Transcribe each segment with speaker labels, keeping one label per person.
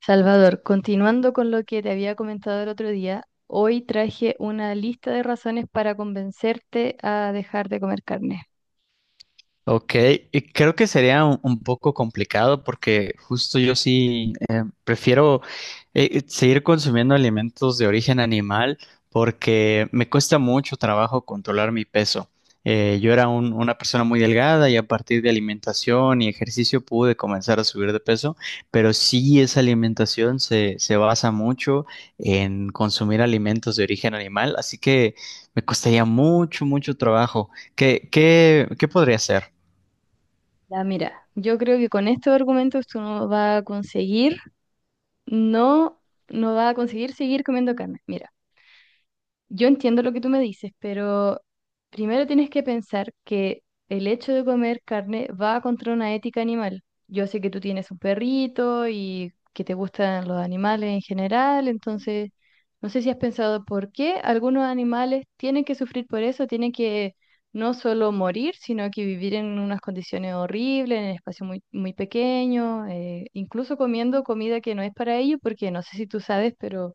Speaker 1: Salvador, continuando con lo que te había comentado el otro día, hoy traje una lista de razones para convencerte a dejar de comer carne.
Speaker 2: Ok, y creo que sería un poco complicado porque justo yo sí prefiero seguir consumiendo alimentos de origen animal porque me cuesta mucho trabajo controlar mi peso. Yo era una persona muy delgada y a partir de alimentación y ejercicio pude comenzar a subir de peso, pero sí esa alimentación se basa mucho en consumir alimentos de origen animal, así que me costaría mucho, mucho trabajo. ¿Qué podría hacer?
Speaker 1: Ya, mira, yo creo que con estos argumentos tú no vas a conseguir, no, no vas a conseguir seguir comiendo carne. Mira. Yo entiendo lo que tú me dices, pero primero tienes que pensar que el hecho de comer carne va contra una ética animal. Yo sé que tú tienes un perrito y que te gustan los animales en general, entonces no sé si has pensado por qué algunos animales tienen que sufrir por eso, tienen que no solo morir, sino que vivir en unas condiciones horribles, en espacios muy, muy pequeños, incluso comiendo comida que no es para ellos, porque no sé si tú sabes, pero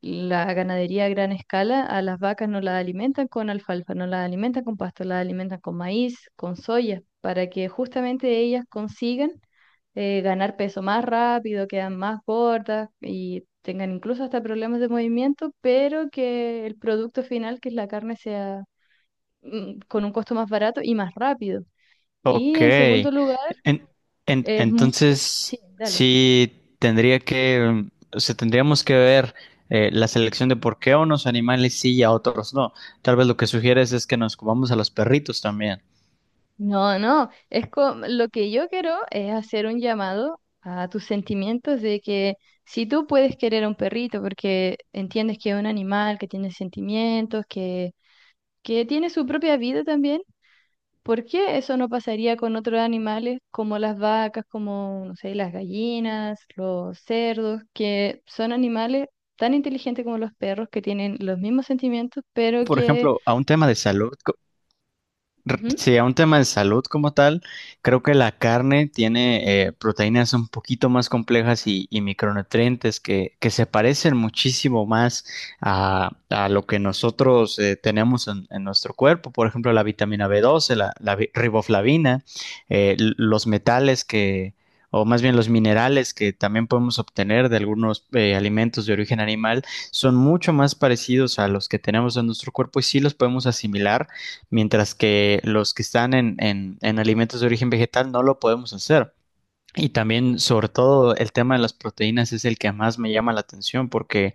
Speaker 1: la ganadería a gran escala, a las vacas no las alimentan con alfalfa, no las alimentan con pasto, las alimentan con maíz, con soya, para que justamente ellas consigan ganar peso más rápido, quedan más gordas y tengan incluso hasta problemas de movimiento, pero que el producto final, que es la carne, sea con un costo más barato y más rápido. Y
Speaker 2: Ok.
Speaker 1: en segundo lugar,
Speaker 2: En- en-
Speaker 1: es... mu- sí,
Speaker 2: entonces,
Speaker 1: dale.
Speaker 2: sí, tendría que, o sea, tendríamos que ver la selección de por qué a unos animales sí y a otros no. Tal vez lo que sugieres es que nos comamos a los perritos también.
Speaker 1: No, no, lo que yo quiero es hacer un llamado a tus sentimientos de que si tú puedes querer a un perrito porque entiendes que es un animal, que tiene sentimientos, que tiene su propia vida también, ¿por qué eso no pasaría con otros animales como las vacas, como, no sé, las gallinas, los cerdos, que son animales tan inteligentes como los perros, que tienen los mismos sentimientos, pero
Speaker 2: Por
Speaker 1: que...
Speaker 2: ejemplo, a un tema de salud. Sí, a un tema de salud como tal, creo que la carne tiene proteínas un poquito más complejas y micronutrientes que se parecen muchísimo más a lo que nosotros tenemos en nuestro cuerpo. Por ejemplo, la vitamina B12, la riboflavina, los metales que, o más bien los minerales que también podemos obtener de algunos alimentos de origen animal, son mucho más parecidos a los que tenemos en nuestro cuerpo y sí los podemos asimilar mientras que los que están en alimentos de origen vegetal no lo podemos hacer. Y también, sobre todo, el tema de las proteínas es el que más me llama la atención porque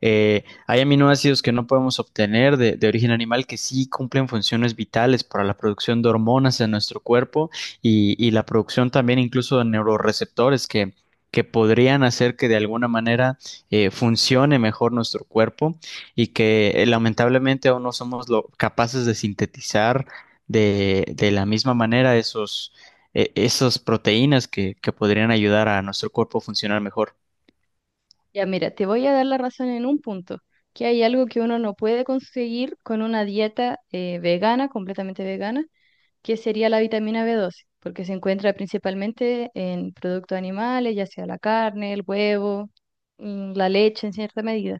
Speaker 2: hay aminoácidos que no podemos obtener de origen animal que sí cumplen funciones vitales para la producción de hormonas en nuestro cuerpo y la producción también incluso de neuroreceptores que podrían hacer que de alguna manera funcione mejor nuestro cuerpo y que lamentablemente aún no somos capaces de sintetizar de la misma manera esas proteínas que podrían ayudar a nuestro cuerpo a funcionar mejor.
Speaker 1: Ya, mira, te voy a dar la razón en un punto, que hay algo que uno no puede conseguir con una dieta vegana, completamente vegana, que sería la vitamina B12, porque se encuentra principalmente en productos animales, ya sea la carne, el huevo, la leche en cierta medida.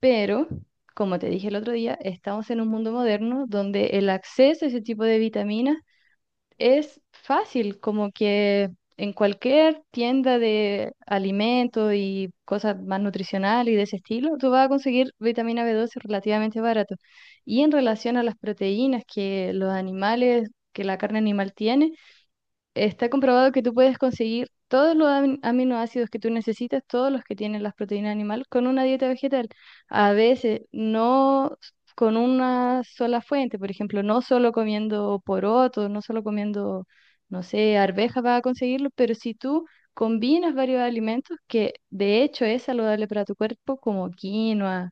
Speaker 1: Pero, como te dije el otro día, estamos en un mundo moderno donde el acceso a ese tipo de vitaminas es fácil, como que en cualquier tienda de alimentos y cosas más nutricionales y de ese estilo, tú vas a conseguir vitamina B12 relativamente barato. Y en relación a las proteínas que los animales, que la carne animal tiene, está comprobado que tú puedes conseguir todos los aminoácidos que tú necesitas, todos los que tienen las proteínas animal, con una dieta vegetal. A veces no s- con una sola fuente, por ejemplo, no solo comiendo porotos, no solo comiendo, no sé, arvejas vas a conseguirlo, pero si tú combinas varios alimentos que de hecho es saludable para tu cuerpo, como quinoa,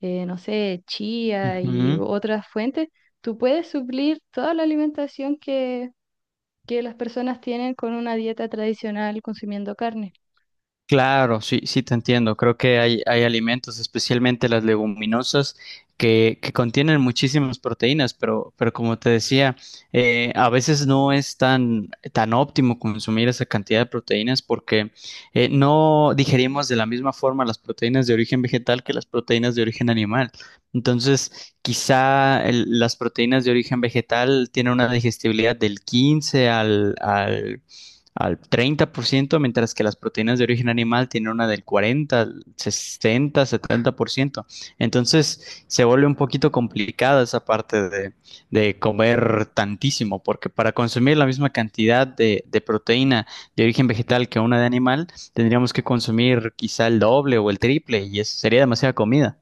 Speaker 1: no sé, chía y
Speaker 2: Ujú.
Speaker 1: otras fuentes, tú puedes suplir toda la alimentación que las personas tienen con una dieta tradicional consumiendo carne.
Speaker 2: Claro, sí, sí te entiendo. Creo que hay alimentos, especialmente las leguminosas, que contienen muchísimas proteínas, pero como te decía, a veces no es tan óptimo consumir esa cantidad de proteínas porque no digerimos de la misma forma las proteínas de origen vegetal que las proteínas de origen animal. Entonces, quizá las proteínas de origen vegetal tienen una digestibilidad del 15 al 30%, mientras que las proteínas de origen animal tienen una del 40, 60, 70%. Entonces se vuelve un poquito complicada esa parte de
Speaker 1: Mm.
Speaker 2: comer tantísimo, porque para consumir la misma cantidad de proteína de origen vegetal que una de animal, tendríamos que consumir quizá el doble o el triple y eso sería demasiada comida.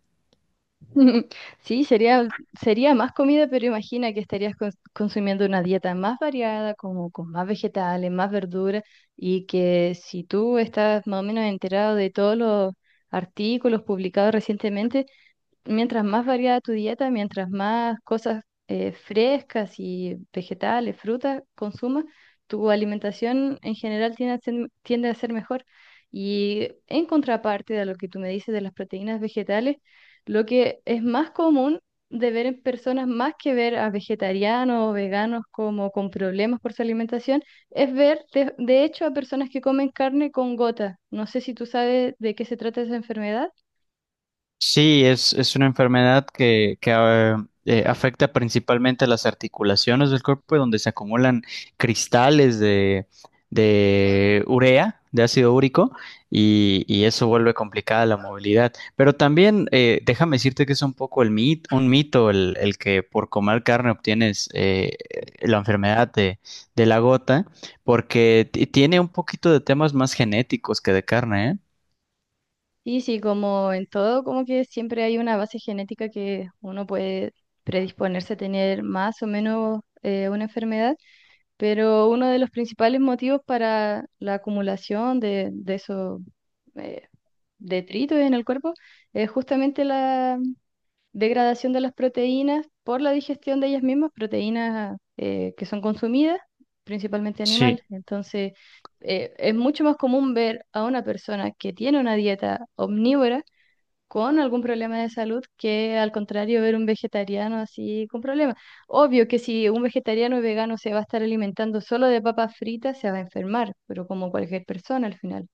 Speaker 1: Sí, sería, sería más comida, pero imagina que estarías consumiendo una dieta más variada, como con más vegetales, más verduras, y que si tú estás más o menos enterado de todos los artículos publicados recientemente, mientras más variada tu dieta, mientras más cosas frescas y vegetales, frutas consumas, tu alimentación en general tiende a ser mejor. Y en contraparte de lo que tú me dices de las proteínas vegetales, lo que es más común de ver en personas, más que ver a vegetarianos o veganos como con problemas por su alimentación, es ver de hecho a personas que comen carne con gota. No sé si tú sabes de qué se trata esa enfermedad.
Speaker 2: Sí, es una enfermedad que afecta principalmente a las articulaciones del cuerpo, donde se acumulan cristales de urea, de ácido úrico, y eso vuelve complicada la movilidad. Pero también déjame decirte que es un poco un mito el que por comer carne obtienes la enfermedad de la gota, porque tiene un poquito de temas más genéticos que de carne, ¿eh?
Speaker 1: Sí, sí, como en todo, como que siempre hay una base genética que uno puede predisponerse a tener más o menos una enfermedad, pero uno de los principales motivos para la acumulación de esos eh, detritos en el cuerpo es justamente la degradación de las proteínas por la digestión de ellas mismas, proteínas que son consumidas, principalmente
Speaker 2: Sí.
Speaker 1: animales. Entonces, es mucho más común ver a una persona que tiene una dieta omnívora con algún problema de salud que al contrario ver un vegetariano así con problemas. Obvio que si un vegetariano o vegano se va a estar alimentando solo de papas fritas, se va a enfermar, pero como cualquier persona al final.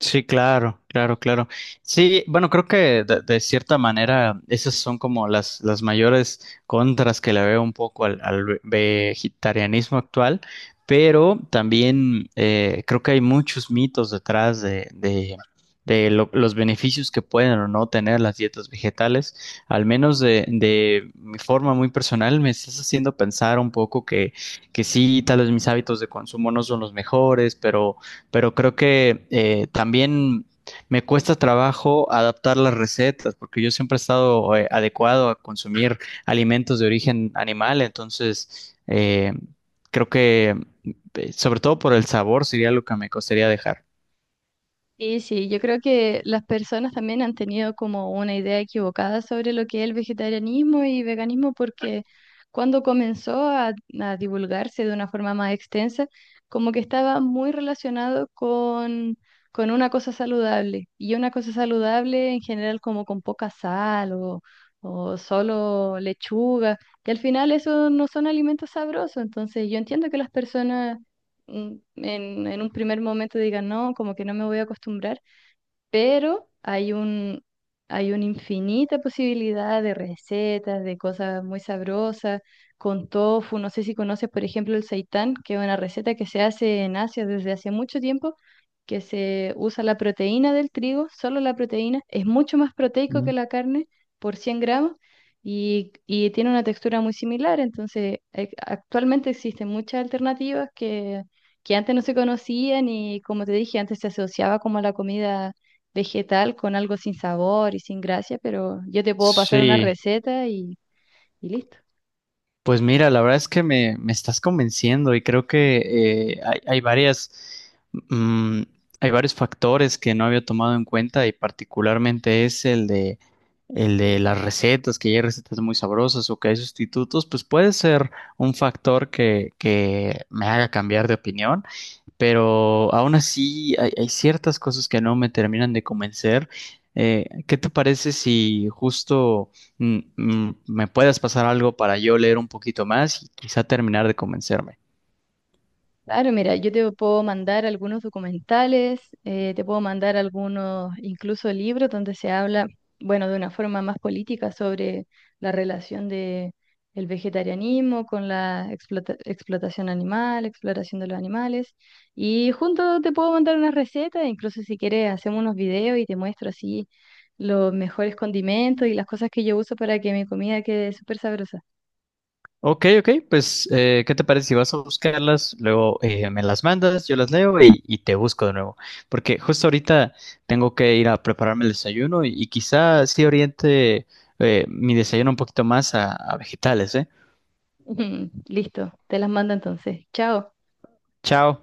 Speaker 2: Sí, claro, claro, claro. Sí, bueno, creo que de cierta manera esas son como las mayores contras que le veo un poco al, al vegetarianismo actual, pero también creo que hay muchos mitos detrás de los beneficios que pueden o no tener las dietas vegetales. Al menos de mi forma muy personal, me estás haciendo pensar un poco que sí, tal vez mis hábitos de consumo no son los mejores, pero creo que también me cuesta trabajo adaptar las recetas, porque yo siempre he estado adecuado a consumir alimentos de origen animal, entonces creo que sobre todo por el sabor sería lo que me costaría dejar.
Speaker 1: Sí, sí, yo creo que las personas también han tenido como una idea equivocada sobre lo que es el vegetarianismo y veganismo porque cuando comenzó a divulgarse de una forma más extensa, como que estaba muy relacionado con una cosa saludable y una cosa saludable en general como con poca sal o solo lechuga, y al final eso no son alimentos sabrosos, entonces yo entiendo que las personas en un primer momento diga no, como que no me voy a acostumbrar, pero hay una infinita posibilidad de recetas, de cosas muy sabrosas, con tofu. No sé si conoces, por ejemplo, el seitán, que es una receta que se hace en Asia desde hace mucho tiempo, que se usa la proteína del trigo, solo la proteína. Es mucho más proteico
Speaker 2: Mm.
Speaker 1: que la carne por 100 gramos. Y tiene una textura muy similar, entonces actualmente existen muchas alternativas que antes no se conocían y como te dije, antes se asociaba como a la comida vegetal con algo sin sabor y sin gracia, pero yo te puedo pasar una
Speaker 2: Sí,
Speaker 1: receta y listo.
Speaker 2: pues mira, la verdad es que me estás convenciendo y creo que hay, hay varias, mm, hay varios factores que no había tomado en cuenta y particularmente es el el de las recetas, que ya hay recetas muy sabrosas o que hay sustitutos, pues puede ser un factor que me haga cambiar de opinión, pero aún así hay, hay ciertas cosas que no me terminan de convencer. ¿Qué te parece si justo me puedas pasar algo para yo leer un poquito más y quizá terminar de convencerme?
Speaker 1: Claro, mira, yo te puedo mandar algunos documentales, te puedo mandar algunos, incluso libros donde se habla, bueno, de una forma más política sobre la relación de el vegetarianismo con la explotación animal, exploración de los animales. Y junto te puedo mandar unas recetas, incluso si quieres hacemos unos videos y te muestro así los mejores condimentos y las cosas que yo uso para que mi comida quede súper sabrosa.
Speaker 2: Ok, ok, pues ¿qué te parece si vas a buscarlas? Luego me las mandas, yo las leo y te busco de nuevo. Porque justo ahorita tengo que ir a prepararme el desayuno y quizá sí oriente mi desayuno un poquito más a vegetales, ¿eh?
Speaker 1: Listo, te las mando entonces. Chao.
Speaker 2: Chao.